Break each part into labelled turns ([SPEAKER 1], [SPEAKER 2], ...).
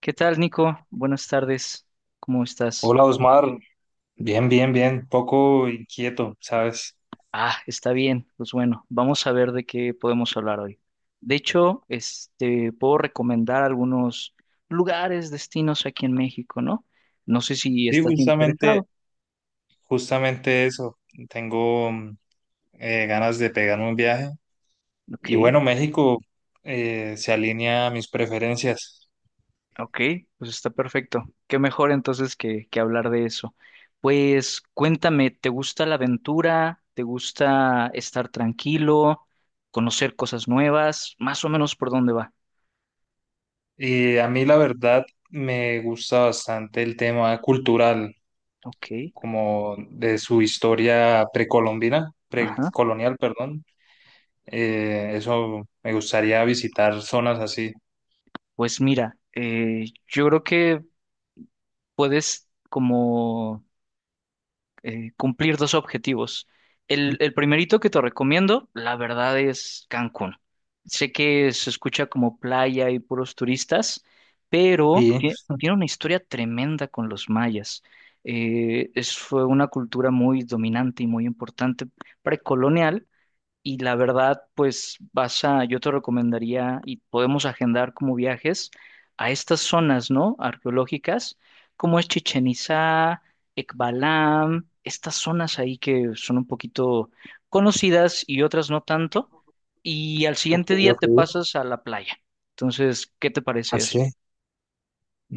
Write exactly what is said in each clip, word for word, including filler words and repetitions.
[SPEAKER 1] ¿Qué tal, Nico? Buenas tardes. ¿Cómo estás?
[SPEAKER 2] Hola, Osmar, bien, bien, bien, poco inquieto, ¿sabes?
[SPEAKER 1] Ah, está bien. Pues bueno, vamos a ver de qué podemos hablar hoy. De hecho, este, puedo recomendar algunos lugares, destinos aquí en México, ¿no? No sé si
[SPEAKER 2] Sí,
[SPEAKER 1] estás
[SPEAKER 2] justamente,
[SPEAKER 1] interesado.
[SPEAKER 2] justamente eso, tengo mm, eh, ganas de pegarme un viaje. Y
[SPEAKER 1] Ok,
[SPEAKER 2] bueno, México eh, se alinea a mis preferencias.
[SPEAKER 1] ok, pues está perfecto. Qué mejor entonces que, que hablar de eso. Pues cuéntame, ¿te gusta la aventura? ¿Te gusta estar tranquilo? ¿Conocer cosas nuevas? Más o menos por dónde va.
[SPEAKER 2] Y a mí la verdad me gusta bastante el tema cultural,
[SPEAKER 1] Ok.
[SPEAKER 2] como de su historia precolombina,
[SPEAKER 1] Ajá.
[SPEAKER 2] precolonial, perdón. Eh, eso me gustaría visitar zonas así.
[SPEAKER 1] Pues mira, eh, yo creo que puedes como eh, cumplir dos objetivos. El, el primerito que te recomiendo, la verdad, es Cancún. Sé que se escucha como playa y puros turistas, pero
[SPEAKER 2] Y,
[SPEAKER 1] tie- tiene una historia tremenda con los mayas. Eh, es, fue una cultura muy dominante y muy importante precolonial y la verdad, pues vas a, yo te recomendaría y podemos agendar como viajes a estas zonas, ¿no? Arqueológicas, como es Chichen Itzá, Ekbalam, estas zonas ahí que son un poquito conocidas y otras no tanto. Y al
[SPEAKER 2] ok,
[SPEAKER 1] siguiente día
[SPEAKER 2] ok,
[SPEAKER 1] te pasas a la playa. Entonces, ¿qué te parece eso?
[SPEAKER 2] así.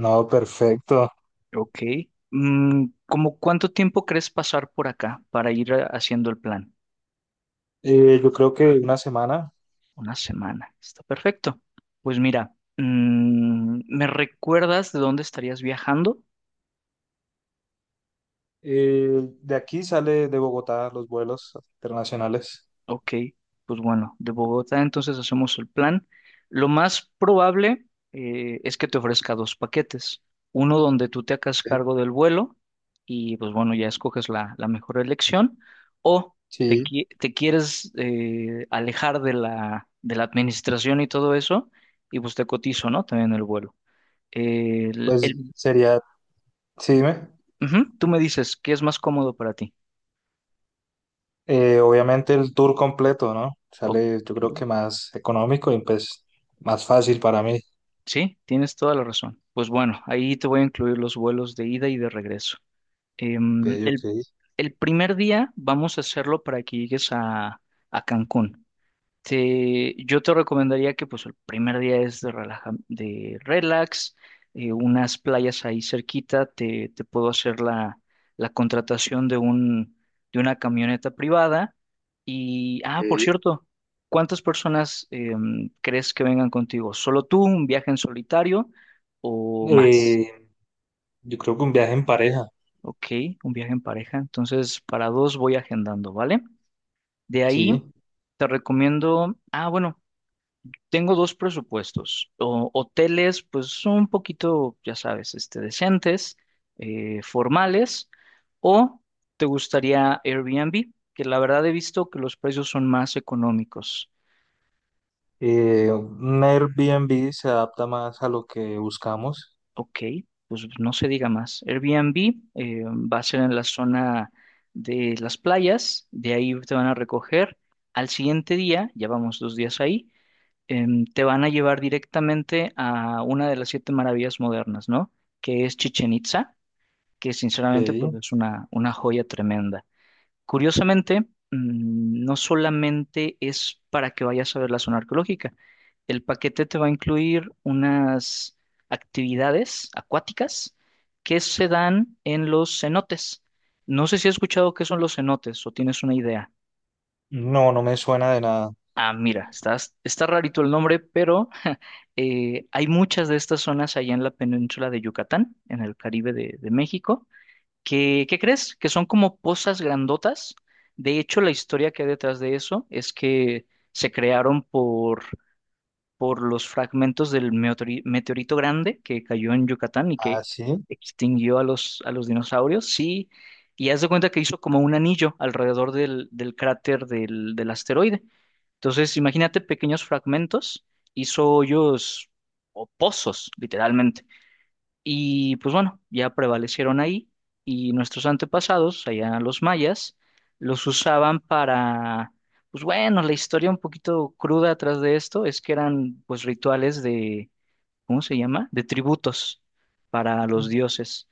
[SPEAKER 2] No, perfecto.
[SPEAKER 1] Ok. Mm, ¿cómo cuánto tiempo crees pasar por acá para ir eh, haciendo el plan?
[SPEAKER 2] Eh, yo creo que una semana.
[SPEAKER 1] Una semana. Está perfecto. Pues mira, mm, ¿me recuerdas de dónde estarías viajando?
[SPEAKER 2] Eh, de aquí sale de Bogotá los vuelos internacionales.
[SPEAKER 1] Ok, pues bueno, de Bogotá entonces hacemos el plan. Lo más probable eh, es que te ofrezca dos paquetes. Uno donde tú te hagas
[SPEAKER 2] Ok.
[SPEAKER 1] cargo del vuelo y pues bueno, ya escoges la, la, mejor elección. O te,
[SPEAKER 2] Sí,
[SPEAKER 1] qui- te quieres eh, alejar de la, de la administración y todo eso y pues te cotizo, ¿no? También el vuelo. El,
[SPEAKER 2] pues
[SPEAKER 1] el
[SPEAKER 2] sería, sí, dime.
[SPEAKER 1] Ujú, tú me dices qué es más cómodo para ti.
[SPEAKER 2] Eh, obviamente el tour completo, ¿no?
[SPEAKER 1] Ok,
[SPEAKER 2] Sale, yo creo que más económico y pues más fácil para mí.
[SPEAKER 1] sí, tienes toda la razón. Pues bueno, ahí te voy a incluir los vuelos de ida y de regreso.
[SPEAKER 2] Ok,
[SPEAKER 1] Em,
[SPEAKER 2] ok.
[SPEAKER 1] el, el, primer día vamos a hacerlo para que llegues a, a Cancún. Te- yo te recomendaría que pues el primer día es de, relaja- de relax, eh, unas playas ahí cerquita, te, te, puedo hacer la, la contratación de un, de una camioneta privada. Y, ah, por
[SPEAKER 2] Ok.
[SPEAKER 1] cierto, ¿cuántas personas em, crees que vengan contigo? ¿Solo tú, un viaje en solitario o más?
[SPEAKER 2] Eh, yo creo que un viaje en pareja,
[SPEAKER 1] Ok, un viaje en pareja. Entonces, para dos voy agendando, ¿vale? De ahí
[SPEAKER 2] sí.
[SPEAKER 1] te recomiendo, ah, bueno. Tengo dos presupuestos. O- hoteles, pues son un poquito, ya sabes, este, decentes, eh, formales, o te gustaría Airbnb, que la verdad he visto que los precios son más económicos.
[SPEAKER 2] Eh, un Airbnb se adapta más a lo que buscamos.
[SPEAKER 1] Ok, pues no se diga más. Airbnb eh, va a ser en la zona de las playas, de ahí te van a recoger. Al siguiente día, ya vamos dos días ahí, em, te van a llevar directamente a una de las siete maravillas modernas, ¿no? Que es Chichen Itza, que sinceramente pues
[SPEAKER 2] Ok.
[SPEAKER 1] es una, una, joya tremenda. Curiosamente, mm, no solamente es para que vayas a ver la zona arqueológica, el paquete te va a incluir unas actividades acuáticas que se dan en los cenotes. No sé si has escuchado qué son los cenotes o tienes una idea.
[SPEAKER 2] No, no me suena de nada.
[SPEAKER 1] Ah, mira, estás, está rarito el nombre, pero eh, hay muchas de estas zonas allá en la península de Yucatán, en el Caribe de, de, México, que, ¿qué crees? Que son como pozas grandotas. De hecho, la historia que hay detrás de eso es que se crearon por por los fragmentos del meteori- meteorito grande que cayó en Yucatán y
[SPEAKER 2] Ah,
[SPEAKER 1] que
[SPEAKER 2] sí.
[SPEAKER 1] extinguió a los, a los dinosaurios, sí, y haz de cuenta que hizo como un anillo alrededor del, del, cráter del, del asteroide. Entonces, imagínate pequeños fragmentos, hizo hoyos o pozos, literalmente. Y pues bueno, ya prevalecieron ahí y nuestros antepasados, allá los mayas, los usaban para, pues bueno, la historia un poquito cruda atrás de esto es que eran pues rituales de, ¿cómo se llama? De tributos para los dioses.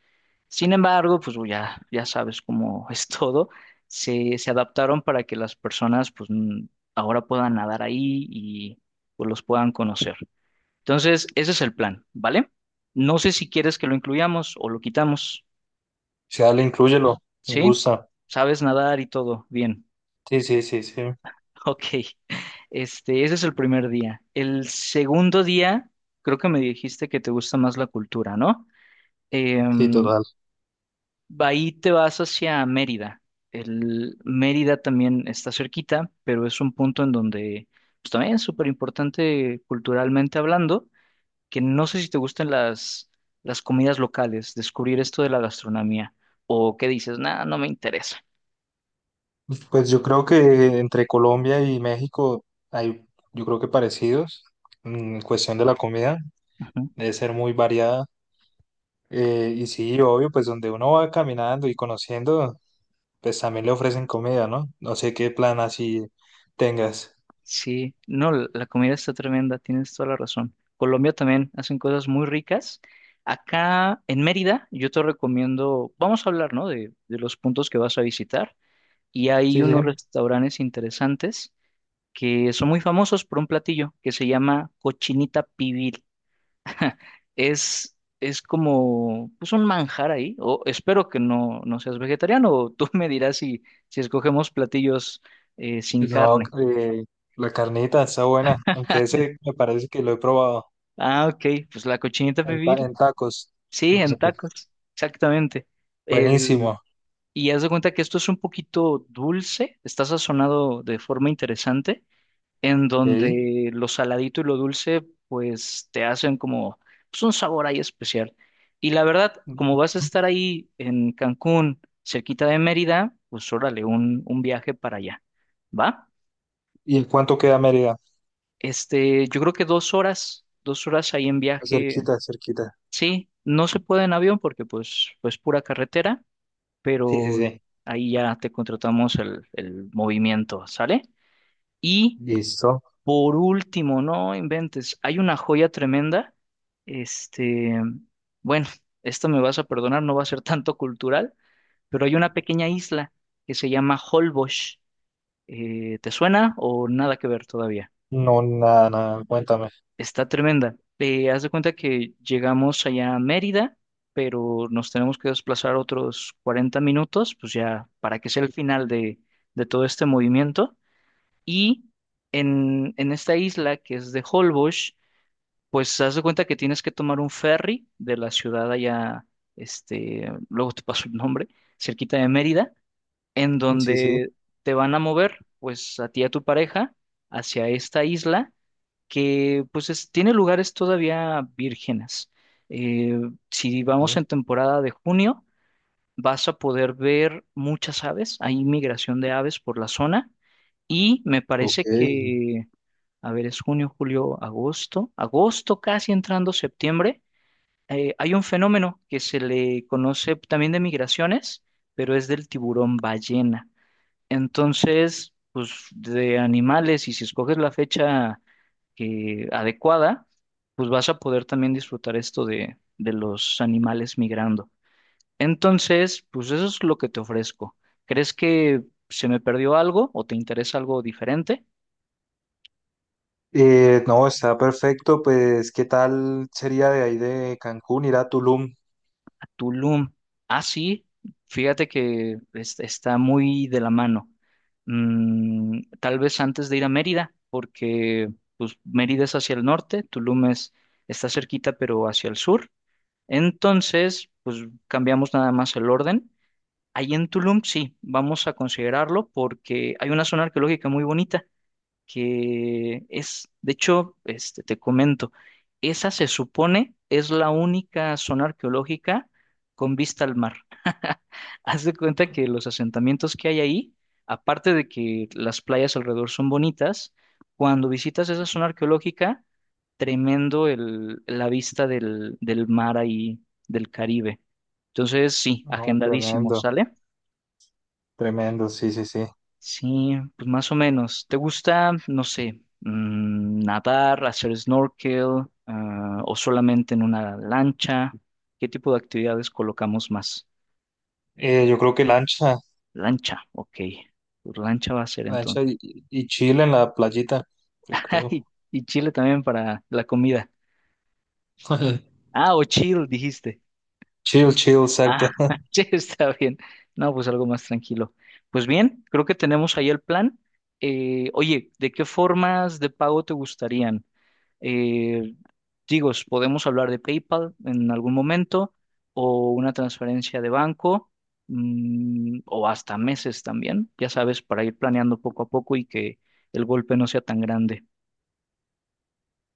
[SPEAKER 1] Sin embargo, pues ya, ya sabes cómo es todo, se, se adaptaron para que las personas pues n- ahora puedan nadar ahí y pues los puedan conocer. Entonces, ese es el plan, ¿vale? No sé si quieres que lo incluyamos o lo quitamos,
[SPEAKER 2] Sí, dale, inclúyelo, me
[SPEAKER 1] ¿sí?
[SPEAKER 2] gusta.
[SPEAKER 1] Sabes nadar y todo, bien.
[SPEAKER 2] Sí, sí, sí, sí,
[SPEAKER 1] Ok, este, ese es el primer día. El segundo día, creo que me dijiste que te gusta más la cultura, ¿no?
[SPEAKER 2] sí,
[SPEAKER 1] Em,
[SPEAKER 2] total.
[SPEAKER 1] Ahí te vas hacia Mérida. El Mérida también está cerquita, pero es un punto en donde pues, también es súper importante culturalmente hablando. Que no sé si te gustan las, las, comidas locales, descubrir esto de la gastronomía, o qué dices, nada, no me interesa.
[SPEAKER 2] Pues yo creo que entre Colombia y México hay, yo creo que parecidos mm, en cuestión de la comida,
[SPEAKER 1] Ujú.
[SPEAKER 2] debe ser muy variada. Eh, y sí, obvio, pues donde uno va caminando y conociendo, pues también le ofrecen comida, ¿no? No sé qué plan así tengas.
[SPEAKER 1] Sí, no, la la comida está tremenda, tienes toda la razón. Colombia también hacen cosas muy ricas. Acá en Mérida, yo te recomiendo, vamos a hablar, ¿no? De, de los puntos que vas a visitar. Y hay
[SPEAKER 2] Sí,
[SPEAKER 1] unos
[SPEAKER 2] sí.
[SPEAKER 1] restaurantes interesantes que son muy famosos por un platillo que se llama cochinita pibil. es, es como pues un manjar ahí. O espero que no, no seas vegetariano, o tú me dirás si, si escogemos platillos eh, sin
[SPEAKER 2] No,
[SPEAKER 1] carne.
[SPEAKER 2] eh, la carnita está buena, aunque ese me parece que lo he probado
[SPEAKER 1] Ah, ok, pues la cochinita
[SPEAKER 2] en, ta-
[SPEAKER 1] pibil,
[SPEAKER 2] en tacos.
[SPEAKER 1] sí, en tacos, exactamente. El,
[SPEAKER 2] Buenísimo.
[SPEAKER 1] y haz de cuenta que esto es un poquito dulce, está sazonado de forma interesante. En
[SPEAKER 2] ¿Sí?
[SPEAKER 1] donde lo saladito y lo dulce pues te hacen como pues, un sabor ahí especial. Y la verdad, como vas a estar ahí en Cancún, cerquita de Mérida, pues órale, un, un, viaje para allá, ¿va?
[SPEAKER 2] ¿Y en cuánto queda Mérida?
[SPEAKER 1] Este, yo creo que dos horas, dos horas ahí en viaje,
[SPEAKER 2] Cerquita, cerquita.
[SPEAKER 1] sí, no se puede en avión porque pues, pues, pura carretera,
[SPEAKER 2] Sí, sí,
[SPEAKER 1] pero
[SPEAKER 2] sí.
[SPEAKER 1] ahí ya te contratamos el, el movimiento, ¿sale? Y
[SPEAKER 2] Listo.
[SPEAKER 1] por último, no inventes, hay una joya tremenda. Este, bueno, esto me vas a perdonar, no va a ser tanto cultural, pero hay una pequeña isla que se llama Holbox. Eh, ¿te suena o nada que ver todavía?
[SPEAKER 2] No, nada, nada, cuéntame.
[SPEAKER 1] Está tremenda. Eh, haz de cuenta que llegamos allá a Mérida, pero nos tenemos que desplazar otros cuarenta minutos, pues ya para que sea el final de, de, todo este movimiento. Y en, en esta isla que es de Holbox, pues haz de cuenta que tienes que tomar un ferry de la ciudad allá, este, luego te paso el nombre, cerquita de Mérida, en
[SPEAKER 2] Sí, sí.
[SPEAKER 1] donde te van a mover, pues a ti y a tu pareja, hacia esta isla que, pues, es- tiene lugares todavía vírgenes. Eh, si vamos
[SPEAKER 2] Sí.
[SPEAKER 1] en temporada de junio, vas a poder ver muchas aves, hay migración de aves por la zona y me
[SPEAKER 2] Ok.
[SPEAKER 1] parece que a ver, es junio, julio, agosto, agosto, casi entrando septiembre, eh, hay un fenómeno que se le conoce también de migraciones, pero es del tiburón ballena. Entonces, pues de animales, y si escoges la fecha que- adecuada, pues vas a poder también disfrutar esto de, de los animales migrando. Entonces, pues eso es lo que te ofrezco. ¿Crees que se me perdió algo o te interesa algo diferente?
[SPEAKER 2] Eh, no, está perfecto. Pues, ¿qué tal sería de ahí de Cancún ir a Tulum?
[SPEAKER 1] Tulum. Ah, sí, fíjate que es- está muy de la mano. Mm, tal vez antes de ir a Mérida, porque pues, Mérida es hacia el norte, Tulum es, está cerquita, pero hacia el sur. Entonces, pues cambiamos nada más el orden. Ahí en Tulum, sí, vamos a considerarlo porque hay una zona arqueológica muy bonita que es, de hecho, este, te comento, esa se supone es la única zona arqueológica con vista al mar. Haz de cuenta que los asentamientos que hay ahí, aparte de que las playas alrededor son bonitas, cuando visitas esa zona arqueológica, tremendo el, la vista del, del, mar ahí, del Caribe. Entonces, sí,
[SPEAKER 2] No,
[SPEAKER 1] agendadísimo,
[SPEAKER 2] tremendo,
[SPEAKER 1] ¿sale?
[SPEAKER 2] tremendo, sí, sí, sí.
[SPEAKER 1] Sí, pues más o menos. ¿Te gusta, no sé, mm, nadar, hacer snorkel, ah, o solamente en una lancha? ¿Qué tipo de actividades colocamos más?
[SPEAKER 2] Eh, yo creo que lancha,
[SPEAKER 1] Lancha, ok. Pues lancha va a ser
[SPEAKER 2] lancha
[SPEAKER 1] entonces.
[SPEAKER 2] y, y chill en la playita, yo creo.
[SPEAKER 1] Y, y chile también para la comida. Ah, o chill, dijiste.
[SPEAKER 2] Chill, chill, exacto.
[SPEAKER 1] Ah, che, está bien. No, pues algo más tranquilo. Pues bien, creo que tenemos ahí el plan. Eh, oye, ¿de qué formas de pago te gustarían? Eh, Digo, podemos hablar de PayPal en algún momento o una transferencia de banco mm, o hasta meses también, ya sabes, para ir planeando poco a poco y que el golpe no sea tan grande.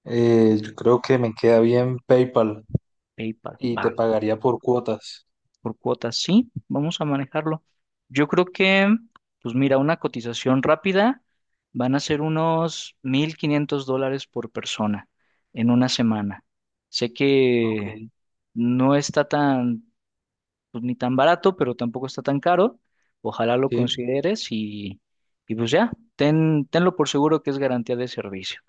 [SPEAKER 2] Eh, yo creo que me queda bien PayPal
[SPEAKER 1] PayPal
[SPEAKER 2] y
[SPEAKER 1] va
[SPEAKER 2] te pagaría por cuotas.
[SPEAKER 1] por cuotas, sí, vamos a manejarlo. Yo creo que, pues mira, una cotización rápida van a ser unos mil quinientos dólares por persona en una semana. Sé que
[SPEAKER 2] Ok.
[SPEAKER 1] no está tan pues ni tan barato, pero tampoco está tan caro. Ojalá lo
[SPEAKER 2] Sí.
[SPEAKER 1] consideres y, y, pues ya, ten, tenlo por seguro que es garantía de servicio.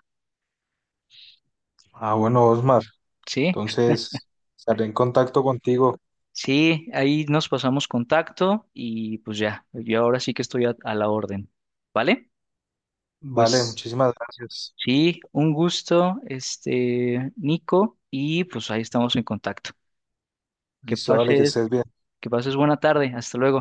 [SPEAKER 2] Ah, bueno, Osmar,
[SPEAKER 1] Sí,
[SPEAKER 2] entonces estaré en contacto contigo.
[SPEAKER 1] sí, ahí nos pasamos contacto y pues ya, yo ahora sí que estoy a, a, la orden, ¿vale?
[SPEAKER 2] Vale,
[SPEAKER 1] Pues
[SPEAKER 2] muchísimas gracias.
[SPEAKER 1] sí, un gusto, este, Nico, y pues ahí estamos en contacto. Que
[SPEAKER 2] Listo, dale, que
[SPEAKER 1] pases,
[SPEAKER 2] estés bien.
[SPEAKER 1] que pases buena tarde, hasta luego.